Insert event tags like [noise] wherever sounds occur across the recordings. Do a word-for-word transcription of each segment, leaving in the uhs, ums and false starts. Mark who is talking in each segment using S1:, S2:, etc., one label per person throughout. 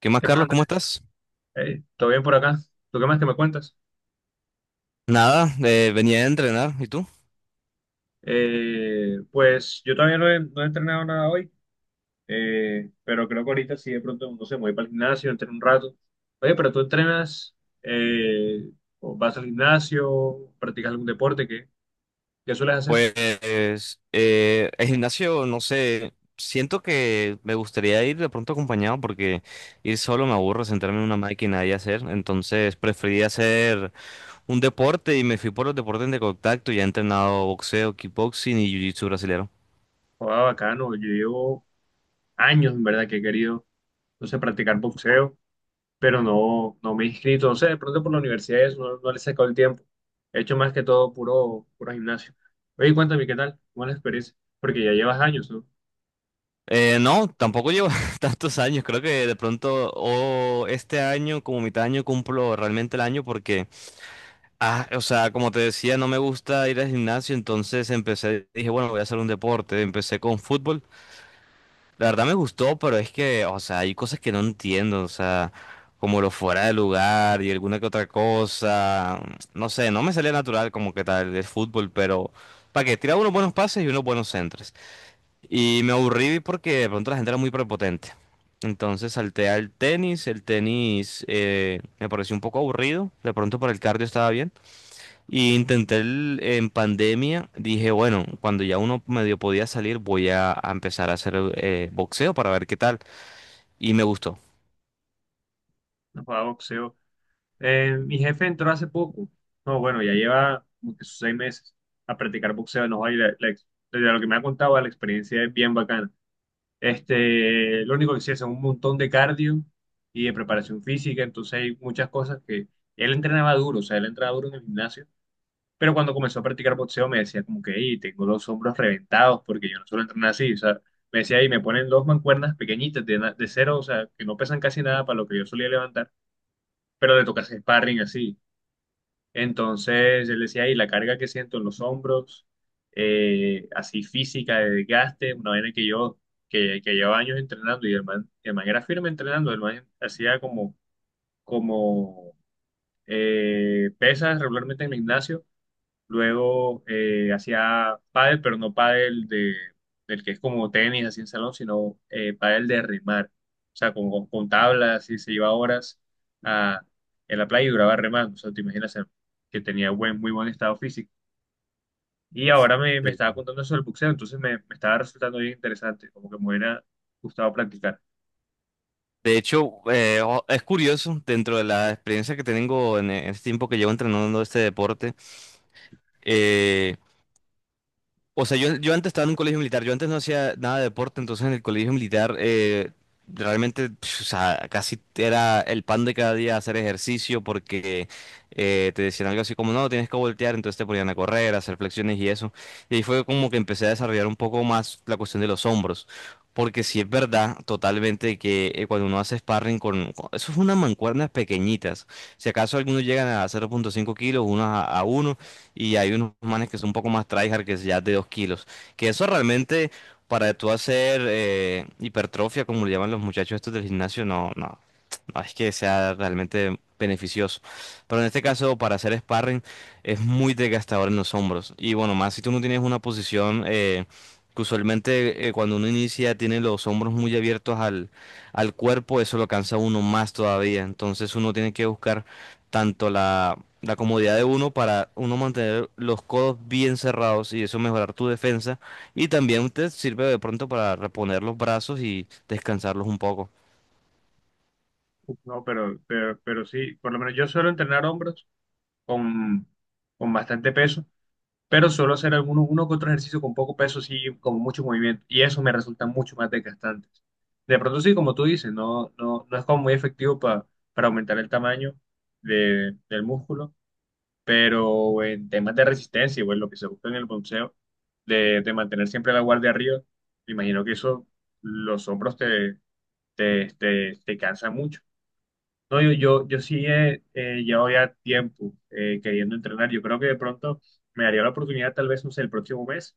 S1: ¿Qué más,
S2: ¿Qué más,
S1: Carlos? ¿Cómo
S2: Andrés?
S1: estás?
S2: Hey, ¿todo bien por acá? ¿Tú qué más que me cuentas?
S1: Nada, eh, venía a entrenar. ¿Y tú?
S2: Eh, pues yo todavía no he, no he entrenado nada hoy, eh, pero creo que ahorita sí de pronto, no sé, me voy para el gimnasio, entreno un rato. Oye, pero tú entrenas, eh, o vas al gimnasio, practicas algún deporte, ¿qué, qué sueles hacer?
S1: Pues eh, el gimnasio, no sé, siento que me gustaría ir de pronto acompañado porque ir solo me aburro, sentarme en una máquina y hacer. Entonces preferí hacer un deporte y me fui por los deportes de contacto. Ya he entrenado boxeo, kickboxing y jiu-jitsu brasilero.
S2: Jugaba bacano, yo llevo años, en verdad que he querido, no sé, practicar boxeo, pero no, no me he inscrito. No sé, de pronto por la universidad eso, no, no le he sacado el tiempo. He hecho más que todo puro, puro gimnasio. Oye, cuéntame, ¿qué tal? ¿Cómo es la experiencia? Porque ya llevas años, ¿no?
S1: Eh, no, tampoco llevo [laughs] tantos años. Creo que de pronto o este año, como mitad de año, cumplo realmente el año porque… Ah, o sea, como te decía, no me gusta ir al gimnasio, entonces empecé, dije, bueno, voy a hacer un deporte, empecé con fútbol. La verdad me gustó, pero es que, o sea, hay cosas que no entiendo, o sea, como lo fuera de lugar y alguna que otra cosa, no sé, no me salía natural como que tal el fútbol, pero para que tiraba unos buenos pases y unos buenos centros. Y me aburrí porque de pronto la gente era muy prepotente. Entonces salté al tenis, el tenis eh, me pareció un poco aburrido, de pronto para el cardio estaba bien. Y intenté el- en pandemia, dije, bueno, cuando ya uno medio podía salir, voy a, a empezar a hacer eh, boxeo para ver qué tal. Y me gustó.
S2: No jugaba boxeo. Eh, mi jefe entró hace poco. No, bueno, ya lleva como que sus seis meses a practicar boxeo. No, y la- la ex- desde lo que me ha contado, la experiencia es bien bacana. Este, lo único que sí es un montón de cardio y de preparación física. Entonces hay muchas cosas que él entrenaba duro, o sea, él entrenaba duro en el gimnasio. Pero cuando comenzó a practicar boxeo me decía como que, hey, tengo los hombros reventados porque yo no suelo entrenar así. O sea, me decía, y me ponen dos mancuernas pequeñitas de, na- de cero, o sea, que no pesan casi nada para lo que yo solía levantar, pero le toca hacer sparring así. Entonces él decía, y la carga que siento en los hombros, eh, así física, de desgaste, una vaina que yo, que, que llevo años entrenando y el man, el man era firme entrenando, el man hacía como, como eh, pesas regularmente en el gimnasio. Luego eh, hacía pádel, pero no pádel de, del que es como tenis, así en salón, sino eh, pádel de remar. O sea, con, con, con tablas y se iba horas a, en la playa y duraba remando. O sea, te imaginas eh, que tenía buen, muy buen estado físico. Y ahora me, me estaba contando eso del boxeo, entonces me, me estaba resultando bien interesante, como que me hubiera gustado practicar.
S1: De hecho, eh, o- es curioso, dentro de la experiencia que tengo en, en este tiempo que llevo entrenando este deporte, eh, o sea, yo, yo antes estaba en un colegio militar, yo antes no hacía nada de deporte, entonces en el colegio militar eh, realmente, pf, o sea, casi era el pan de cada día hacer ejercicio porque eh, te decían algo así como, no, tienes que voltear, entonces te ponían a correr, a hacer flexiones y eso. Y ahí fue como que empecé a desarrollar un poco más la cuestión de los hombros, porque sí es verdad totalmente que eh, cuando uno hace sparring con, con- eso es unas mancuernas pequeñitas, si acaso algunos llegan a cero punto cinco kilos, unos a, uno y hay unos manes que son un poco más tryhard que es ya es de dos kilos. Que eso realmente para tú hacer eh, hipertrofia, como le llaman los muchachos estos del gimnasio, no, no, no es que sea realmente beneficioso. Pero en este caso, para hacer sparring, es muy desgastador en los hombros. Y bueno, más si tú no tienes una posición... eh, que usualmente eh, cuando uno inicia tiene los hombros muy abiertos al, al cuerpo, eso lo cansa a uno más todavía. Entonces uno tiene que buscar tanto la, la comodidad de uno para uno mantener los codos bien cerrados y eso mejorar tu defensa. Y también te sirve de pronto para reponer los brazos y descansarlos un poco.
S2: No, pero, pero, pero sí, por lo menos yo suelo entrenar hombros con, con bastante peso, pero suelo hacer algunos, uno que otro ejercicio con poco peso, sí, con mucho movimiento, y eso me resulta mucho más desgastante. De pronto, sí, como tú dices, no, no, no es como muy efectivo pa- para aumentar el tamaño de- del músculo, pero en temas de resistencia, bueno, lo que se busca en el boxeo, de, de mantener siempre la guardia arriba, me imagino que eso, los hombros te, te, te, te cansa mucho. No, yo, yo, yo sí eh, eh, llevo ya tiempo eh, queriendo entrenar. Yo creo que de pronto me daría la oportunidad, tal vez, no sé, el próximo mes,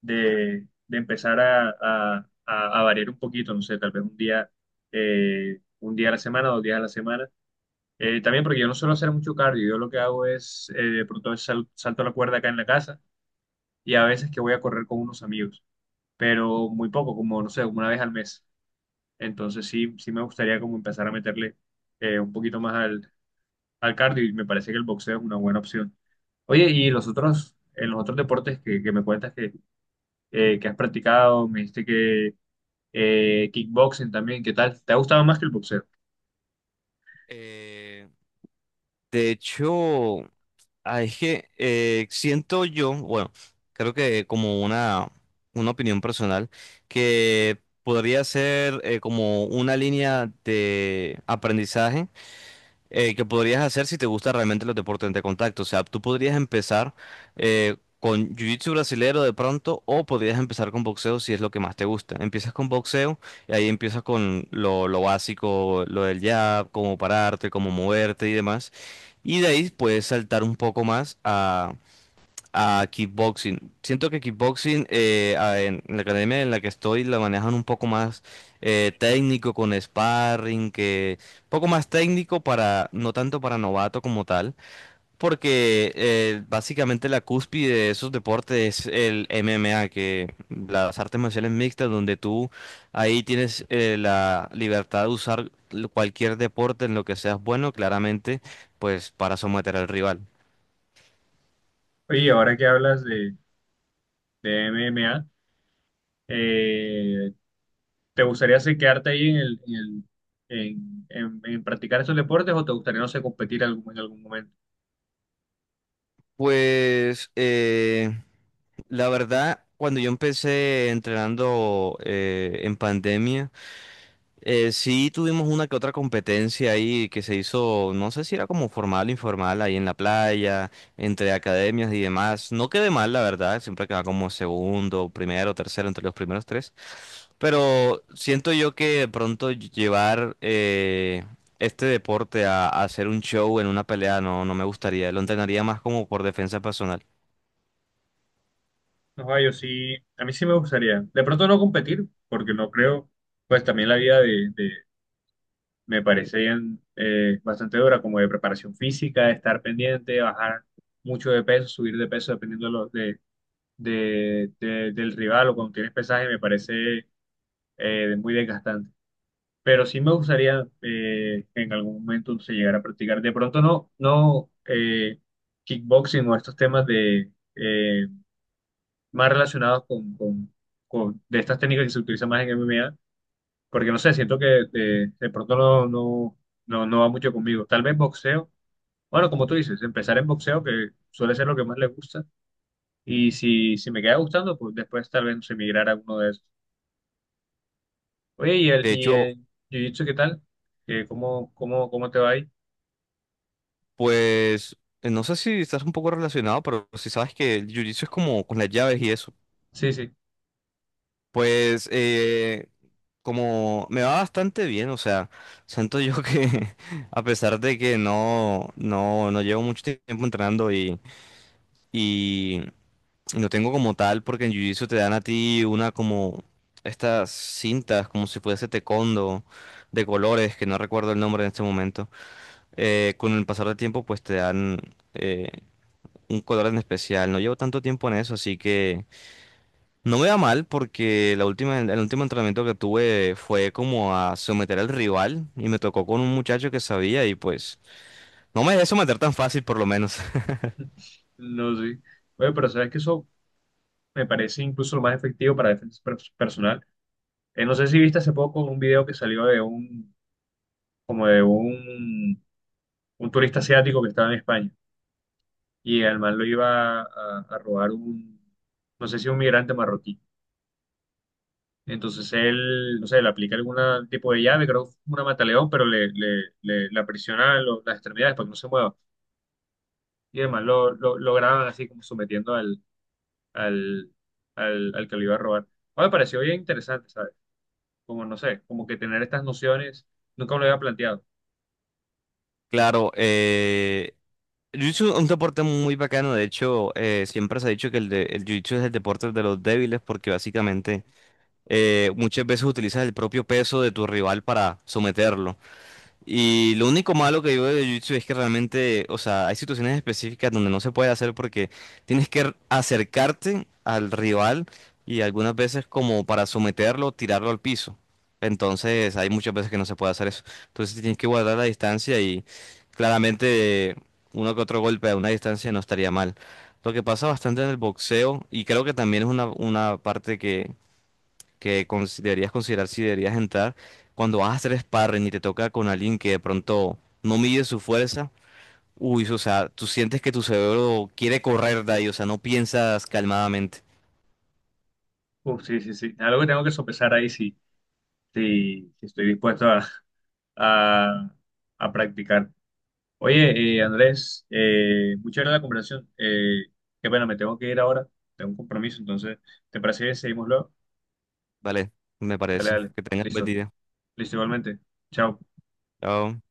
S2: de, de empezar a, a- a- a variar un poquito, no sé, tal vez un día, eh, un día a la semana, dos días a la semana. Eh, también porque yo no suelo hacer mucho cardio, yo lo que hago es, eh, de pronto sal- salto la cuerda acá en la casa y a veces que voy a correr con unos amigos, pero muy poco, como, no sé, como una vez al mes. Entonces sí, sí me gustaría como empezar a meterle eh, un poquito más al cardio y me parece que el boxeo es una buena opción. Oye, y los otros, en los otros deportes que, que me cuentas que, eh, que has practicado, me dijiste que eh, kickboxing también, ¿qué tal? ¿Te ha gustado más que el boxeo?
S1: Eh, de hecho, ah, es que eh, siento yo, bueno, creo que como una, una opinión personal, que podría ser eh, como una línea de aprendizaje eh, que podrías hacer si te gusta realmente los deportes de contacto. O sea, tú podrías empezar eh, con jiu-jitsu brasilero de pronto o podrías empezar con boxeo si es lo que más te gusta. Empiezas con boxeo y ahí empiezas con lo, lo básico, lo del jab, cómo pararte, cómo moverte y demás. Y de ahí puedes saltar un poco más a kickboxing. Siento que kickboxing eh, a- en la academia en la que estoy la manejan un poco más eh, técnico con sparring, que poco más técnico para, no tanto para novato como tal, porque eh, básicamente la cúspide de esos deportes es el M M A, que las artes marciales mixtas, donde tú ahí tienes eh, la libertad de usar cualquier deporte en lo que seas bueno, claramente, pues para someter al rival.
S2: Oye, y ahora que hablas de, de M M A, eh, ¿te gustaría sí, quedarte ahí en el, en el- en- en- en practicar estos deportes o te gustaría, no sé, competir algún- en algún momento?
S1: Pues eh, la verdad, cuando yo empecé entrenando eh, en pandemia, eh, sí, tuvimos una que otra competencia ahí que se hizo, no sé si era como formal o informal, ahí en la playa, entre academias y demás. No quedé mal, la verdad, siempre quedaba como segundo, primero, tercero, entre los primeros tres. Pero siento yo que de pronto llevar eh, este deporte a, a hacer un show en una pelea no, no me gustaría, lo entrenaría más como por defensa personal.
S2: No, yo sí, a mí sí me gustaría. De pronto no competir, porque no creo, pues también la vida de, me parece bien, eh, bastante dura, como de preparación física, de estar pendiente, bajar mucho de peso, subir de peso dependiendo de, lo- de- de- de- del rival o cuando tienes pesaje, me parece eh, muy desgastante. Pero sí me gustaría eh, que en algún momento se llegara a practicar. De pronto no, no eh, kickboxing o estos temas de eh, más relacionados con, con- con- de estas técnicas que se utilizan más en M M A, porque no sé, siento que de, de pronto no, no, no, no va mucho conmigo. Tal vez boxeo. Bueno, como tú dices, empezar en boxeo, que suele ser lo que más le gusta. Y si, si me queda gustando, pues después tal vez se migrar a uno de esos. Oye, ¿y el,
S1: De
S2: ¿y
S1: hecho,
S2: el jiu-jitsu qué tal? ¿Qué- ¿cómo, cómo, cómo te va ahí?
S1: pues, eh, no sé si estás un poco relacionado, pero si sabes que el jiu-jitsu es como con las llaves y eso.
S2: Sí, sí,
S1: Pues eh, como me va bastante bien, o sea, siento yo que [laughs] a pesar de que no, no, no llevo mucho tiempo entrenando y, y no tengo como tal, porque en Jiu-Jitsu te dan a ti una como estas cintas, como si fuese taekwondo de colores, que no recuerdo el nombre en este momento. Eh, con el pasar del tiempo pues te dan eh, un color en especial. No llevo tanto tiempo en eso, así que… No me va mal porque la última, el último entrenamiento que tuve fue como a someter al rival y me tocó con un muchacho que sabía y pues no me dejé someter tan fácil por lo menos. [laughs]
S2: no sé. Oye, pero sabes que eso me parece incluso lo más efectivo para defensa per- personal. Eh, no sé si viste hace poco un video que salió de un, como de un, un turista asiático que estaba en España y al man lo iba a, a robar un, no sé si un migrante marroquí. Entonces él, no sé, le aplica algún tipo de llave, creo que fue una mataleón, pero le, le, le, le aprisiona lo- las extremidades para que no se mueva. Y además lo, lo, lo graban así como sometiendo al, al, al, al que lo iba a robar. Ah, me pareció bien interesante, ¿sabes? Como, no sé, como que tener estas nociones, nunca me lo había planteado.
S1: Claro, eh, Jiu-Jitsu es un deporte muy bacano, de hecho eh, siempre se ha dicho que el, de, el Jiu-Jitsu es el deporte de los débiles porque básicamente eh, muchas veces utilizas el propio peso de tu rival para someterlo. Y lo único malo que digo de Jiu-Jitsu es que realmente, o sea, hay situaciones específicas donde no se puede hacer porque tienes que r- acercarte al rival y algunas veces como para someterlo, tirarlo al piso. Entonces, hay muchas veces que no se puede hacer eso. Entonces, tienes que guardar la distancia y claramente uno que otro golpe a una distancia no estaría mal. Lo que pasa bastante en el boxeo y creo que también es una, una parte que que cons- deberías considerar si deberías entrar cuando vas a hacer sparring y te toca con alguien que de pronto no mide su fuerza. Uy, o sea, tú sientes que tu cerebro quiere correr de ahí, o sea, no piensas calmadamente.
S2: Uf, sí, sí, sí. Algo que tengo que sopesar ahí, sí, sí, sí estoy dispuesto a, a, a practicar. Oye, eh, Andrés, eh, muchas gracias por la conversación. Eh, qué pena, me tengo que ir ahora. Tengo un compromiso, entonces, ¿te parece bien seguimos luego?
S1: Vale, me
S2: Dale,
S1: parece.
S2: dale.
S1: Que tengas un buen
S2: Listo.
S1: día.
S2: Listo, igualmente. Chao.
S1: Chao.